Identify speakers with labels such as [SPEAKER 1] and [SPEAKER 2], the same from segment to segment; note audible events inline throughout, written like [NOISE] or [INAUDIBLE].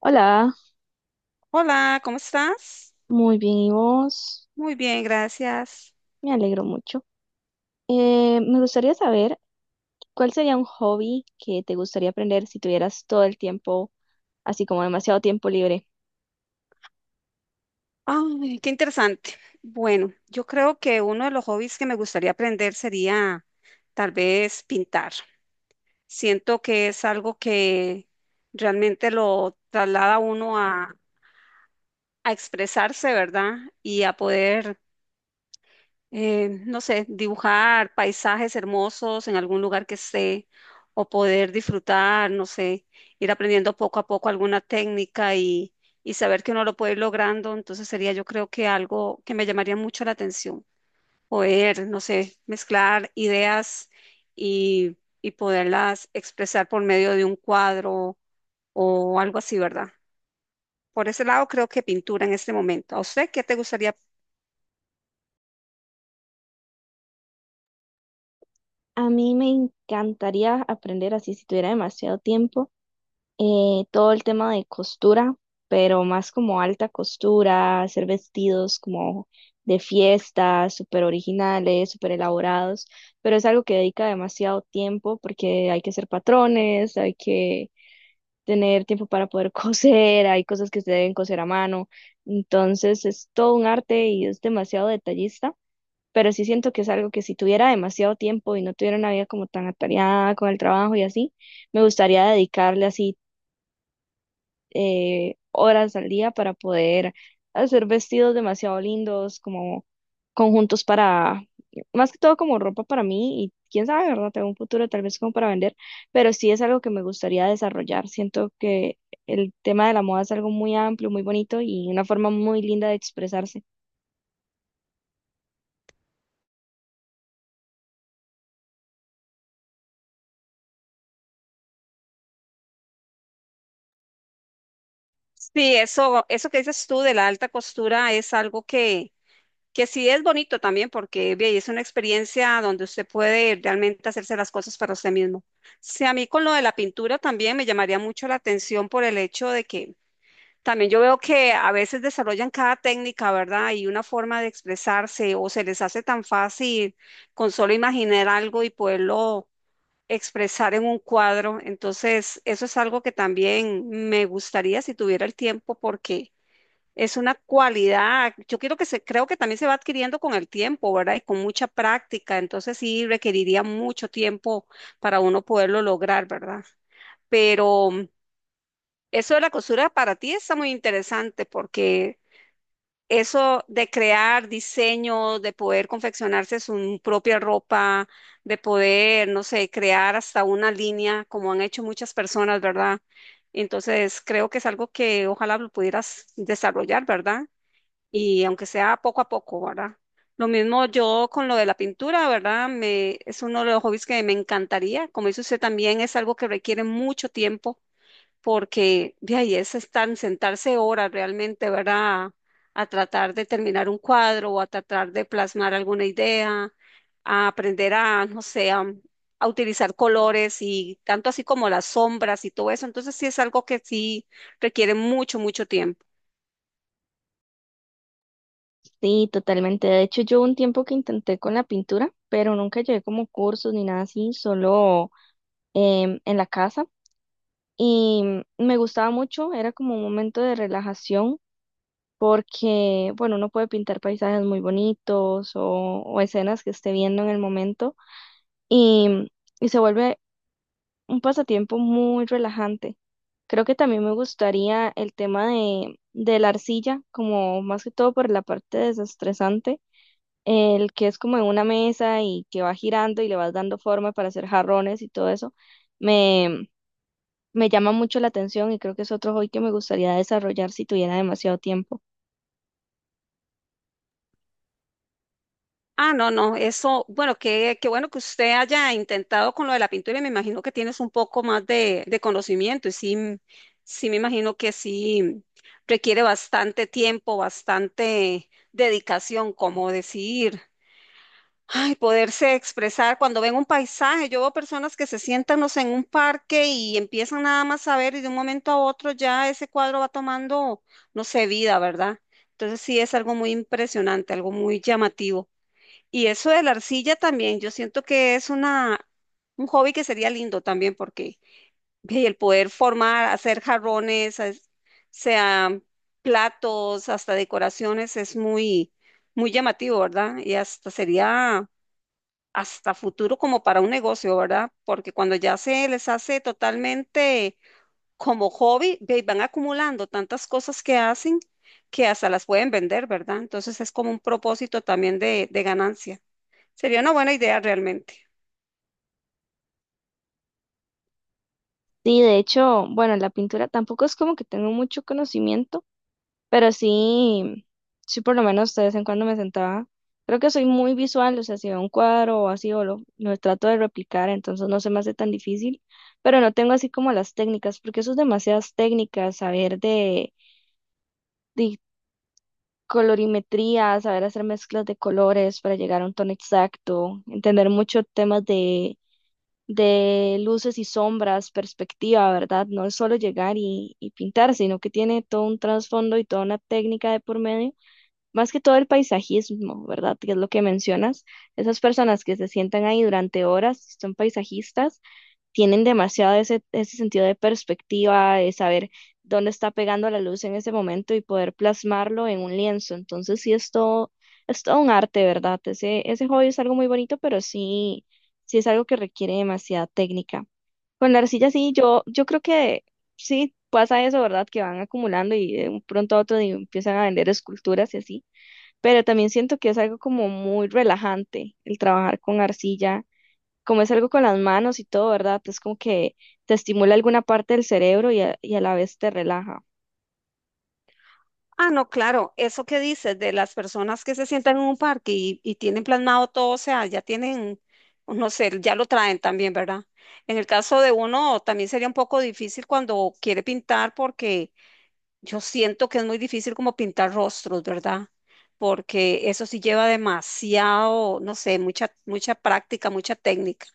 [SPEAKER 1] Hola,
[SPEAKER 2] Hola, ¿cómo estás?
[SPEAKER 1] muy bien, ¿y vos?
[SPEAKER 2] Muy bien, gracias.
[SPEAKER 1] Me alegro mucho. Me gustaría saber cuál sería un hobby que te gustaría aprender si tuvieras todo el tiempo, así como demasiado tiempo libre.
[SPEAKER 2] Ay, qué interesante. Bueno, yo creo que uno de los hobbies que me gustaría aprender sería tal vez pintar. Siento que es algo que realmente lo traslada a uno a expresarse, ¿verdad? Y a poder no sé, dibujar paisajes hermosos en algún lugar que esté o poder disfrutar, no sé, ir aprendiendo poco a poco alguna técnica y saber que uno lo puede ir logrando, entonces sería yo creo que algo que me llamaría mucho la atención, poder, no sé, mezclar ideas y poderlas expresar por medio de un cuadro o algo así, ¿verdad? Por ese lado creo que pintura en este momento. ¿A usted qué te gustaría?
[SPEAKER 1] A mí me encantaría aprender así si tuviera demasiado tiempo, todo el tema de costura, pero más como alta costura, hacer vestidos como de fiesta, súper originales, súper elaborados, pero es algo que dedica demasiado tiempo porque hay que hacer patrones, hay que tener tiempo para poder [LAUGHS] coser, hay cosas que se deben coser a mano, entonces es todo un arte y es demasiado detallista, pero sí siento que es algo que si tuviera demasiado tiempo y no tuviera una vida como tan atareada con el trabajo y así, me gustaría dedicarle así horas al día para poder hacer vestidos demasiado lindos, como conjuntos más que todo como ropa para mí y quién sabe, ¿verdad? Tengo un futuro tal vez como para vender, pero sí es algo que me gustaría desarrollar. Siento que el tema de la moda es algo muy amplio, muy bonito y una forma muy linda de expresarse.
[SPEAKER 2] Sí, eso que dices tú de la alta costura es algo que sí es bonito también porque ve, es una experiencia donde usted puede realmente hacerse las cosas para usted mismo. Sí, a mí con lo de la pintura también me llamaría mucho la atención por el hecho de que también yo veo que a veces desarrollan cada técnica, ¿verdad? Y una forma de expresarse o se les hace tan fácil con solo imaginar algo y poderlo expresar en un cuadro. Entonces, eso es algo que también me gustaría si tuviera el tiempo porque... Es una cualidad, yo quiero que se, creo que también se va adquiriendo con el tiempo, ¿verdad? Y con mucha práctica, entonces sí requeriría mucho tiempo para uno poderlo lograr, ¿verdad? Pero eso de la costura para ti está muy interesante porque eso de crear diseño, de poder confeccionarse su propia ropa, de poder, no sé, crear hasta una línea, como han hecho muchas personas, ¿verdad? Entonces creo que es algo que ojalá lo pudieras desarrollar, ¿verdad? Y aunque sea poco a poco, ¿verdad? Lo mismo yo con lo de la pintura, ¿verdad? Me, es uno de los hobbies que me encantaría. Como dice usted también, es algo que requiere mucho tiempo porque de ahí es estar, sentarse horas realmente, ¿verdad? A tratar de terminar un cuadro o a tratar de plasmar alguna idea, a aprender no sé, a utilizar colores y tanto así como las sombras y todo eso. Entonces sí es algo que sí requiere mucho, mucho tiempo.
[SPEAKER 1] Sí, totalmente. De hecho, yo un tiempo que intenté con la pintura, pero nunca llevé como cursos ni nada así, solo en la casa. Y me gustaba mucho, era como un momento de relajación porque, bueno, uno puede pintar paisajes muy bonitos o escenas que esté viendo en el momento y, y se vuelve un pasatiempo muy relajante. Creo que también me gustaría el tema de la arcilla, como más que todo por la parte desestresante, el que es como en una mesa y que va girando y le vas dando forma para hacer jarrones y todo eso, me, me llama mucho la atención y creo que es otro hobby que me gustaría desarrollar si tuviera demasiado tiempo.
[SPEAKER 2] Ah, no, no, eso, bueno, qué, qué bueno que usted haya intentado con lo de la pintura y me imagino que tienes un poco más de conocimiento y sí, m- sí me imagino que sí requiere bastante tiempo, bastante dedicación, como decir, ay, poderse expresar cuando ven un paisaje. Yo veo personas que se sientan, no sé, en un parque y empiezan nada más a ver y de un momento a otro ya ese cuadro va tomando, no sé, vida, ¿verdad? Entonces sí es algo muy impresionante, algo muy llamativo. Y eso de la arcilla también, yo siento que es una, un hobby que sería lindo también porque ve, el poder formar, hacer jarrones, as- sea platos, hasta decoraciones, es muy, muy llamativo, ¿verdad? Y hasta sería hasta futuro como para un negocio, ¿verdad? Porque cuando ya se les hace totalmente como hobby, ve, van acumulando tantas cosas que hacen que hasta las pueden vender, ¿verdad? Entonces es como un propósito también de ganancia. Sería una buena idea realmente.
[SPEAKER 1] Sí, de hecho, bueno, la pintura tampoco es como que tengo mucho conocimiento, pero sí, sí por lo menos de vez en cuando me sentaba. Creo que soy muy visual, o sea, si veo un cuadro o así, o lo trato de replicar, entonces no se me hace tan difícil, pero no tengo así como las técnicas, porque eso es demasiadas técnicas, saber de colorimetría, saber hacer mezclas de colores para llegar a un tono exacto, entender mucho temas de luces y sombras, perspectiva, ¿verdad? No es solo llegar y pintar, sino que tiene todo un trasfondo y toda una técnica de por medio, más que todo el paisajismo, ¿verdad? Que es lo que mencionas. Esas personas que se sientan ahí durante horas, son paisajistas, tienen demasiado ese sentido de perspectiva, de saber dónde está pegando la luz en ese momento y poder plasmarlo en un lienzo. Entonces sí es todo un arte, ¿verdad? Ese hobby es algo muy bonito, pero sí, sí es algo que requiere demasiada técnica. Con la arcilla sí, yo creo que sí pasa eso, ¿verdad? Que van acumulando y de un pronto a otro empiezan a vender esculturas y así. Pero también siento que es algo como muy relajante el trabajar con arcilla como es algo con las manos y todo, ¿verdad? Es como que te estimula alguna parte del cerebro y a la vez te relaja.
[SPEAKER 2] Ah, no, claro, eso que dices de las personas que se sientan en un parque y tienen plasmado todo, o sea, ya tienen, no sé, ya lo traen también, ¿verdad? En el caso de uno, también sería un poco difícil cuando quiere pintar porque yo siento que es muy difícil como pintar rostros, ¿verdad? Porque eso sí lleva demasiado, no sé, mucha, mucha práctica, mucha técnica.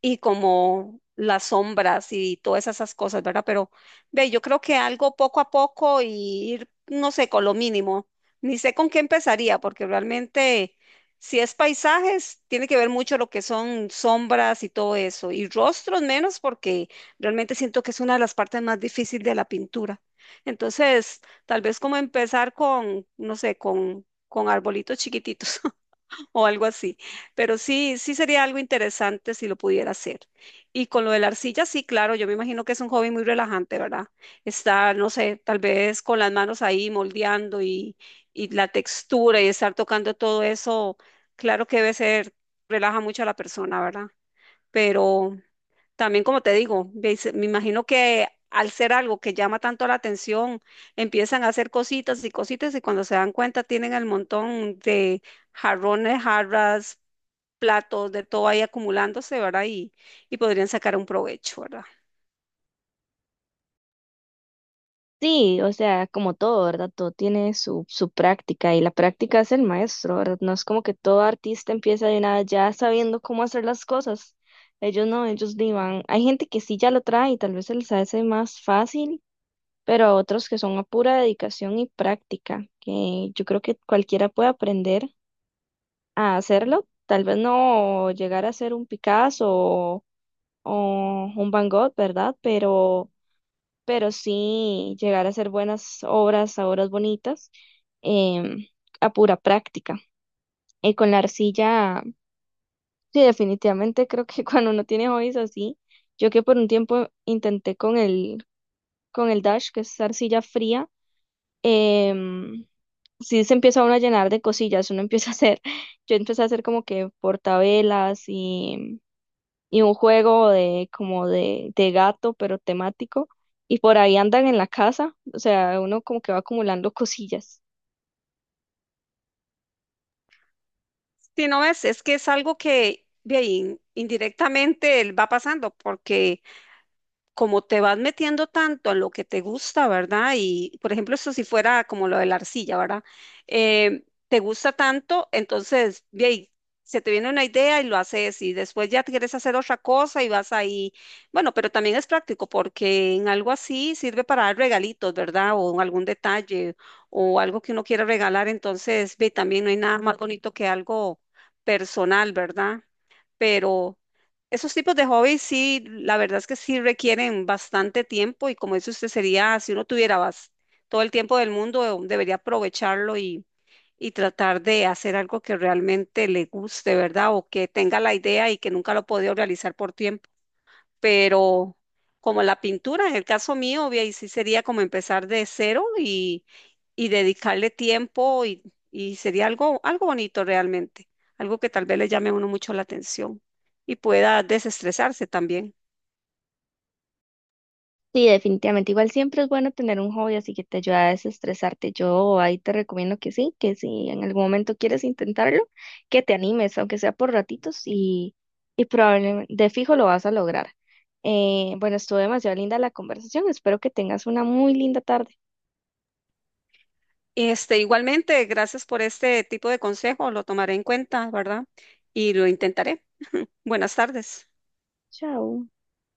[SPEAKER 2] Y como las sombras y todas esas cosas, ¿verdad? Pero ve, yo creo que algo poco a poco y ir, no sé, con lo mínimo. Ni sé con qué empezaría, porque realmente si es paisajes, tiene que ver mucho lo que son sombras y todo eso, y rostros menos, porque realmente siento que es una de las partes más difíciles de la pintura. Entonces, tal vez como empezar con, no sé, con arbolitos chiquititos. [LAUGHS] [LAUGHS] O algo así. Pero sí, sí sería algo interesante si lo pudiera hacer. Y con lo de la arcilla, sí, claro, yo me imagino que es un hobby muy relajante, ¿verdad? Estar, no sé, tal vez con las manos ahí moldeando y la textura y estar tocando todo eso, claro que debe ser, relaja mucho a la persona, ¿verdad? Pero también como te digo, veis- me imagino que al ser algo que llama tanto la atención, empiezan a hacer cositas y cositas y cuando se dan cuenta tienen el montón de jarrones, jarras, platos, de todo ahí acumulándose, ¿verdad? Y podrían sacar un provecho, ¿verdad?
[SPEAKER 1] Sí, o sea, como todo, ¿verdad? Todo tiene su práctica y la práctica es el maestro, ¿verdad? No es como que todo artista empieza de nada ya sabiendo cómo hacer las cosas. Ellos no, ellos ni van. Hay gente que sí ya lo trae y tal vez se les hace más fácil, pero a otros que son a pura dedicación y práctica, que yo creo que cualquiera puede aprender a hacerlo. Tal vez no llegar a ser un Picasso o un Van Gogh, ¿verdad? Pero sí llegar a hacer buenas obras, a obras bonitas, em, a pura práctica. Y con la arcilla, sí, definitivamente creo que [LAUGHS] cuando uno tiene hobbies así, yo que por un tiempo intenté con con el Dash, que es arcilla fría, em, sí se empieza uno a llenar de cosillas, uno [LAUGHS] empieza a hacer, [LAUGHS] yo empecé a hacer como que portavelas y un juego de como de gato, pero temático. Y por ahí andan en la casa, o sea, uno como que va acumulando cosillas.
[SPEAKER 2] Si no ves, es que es algo que bien, indirectamente él va pasando porque como te vas metiendo tanto en lo que te gusta, ¿verdad? Y, por ejemplo, esto si fuera como lo de la arcilla, ¿verdad? Eh, te gusta tanto, entonces, ve ahí, se te viene una idea y lo haces y después ya te quieres hacer otra cosa y vas ahí. Bueno, pero también es práctico porque en algo así sirve para dar regalitos, ¿verdad? O algún detalle o algo que uno quiera regalar, entonces, ve, también no hay nada más bonito que algo personal, ¿verdad? Pero esos tipos de hobbies sí, la verdad es que sí requieren bastante tiempo y como dice usted, sería, si uno tuviera bas- todo el tiempo del mundo, debería aprovecharlo y tratar de hacer algo que realmente le guste, ¿verdad? O que tenga la idea y que nunca lo ha podido realizar por tiempo, pero como la pintura, en el caso mío, ve ahí sí sería como empezar de cero y dedicarle tiempo y sería algo, algo bonito realmente, algo que tal vez le llame a uno mucho la atención y pueda desestresarse también.
[SPEAKER 1] Sí, definitivamente. Igual siempre es bueno tener un hobby así que te ayuda a desestresarte. Yo ahí te recomiendo que sí, que si en algún momento quieres intentarlo, que te animes, aunque sea por ratitos y probablemente de fijo lo vas a lograr. Bueno, estuvo demasiado linda la conversación. Espero que tengas una muy linda tarde.
[SPEAKER 2] Este, igualmente, gracias por este tipo de consejo, lo tomaré en cuenta, ¿verdad? Y lo intentaré. Buenas tardes.
[SPEAKER 1] Chao.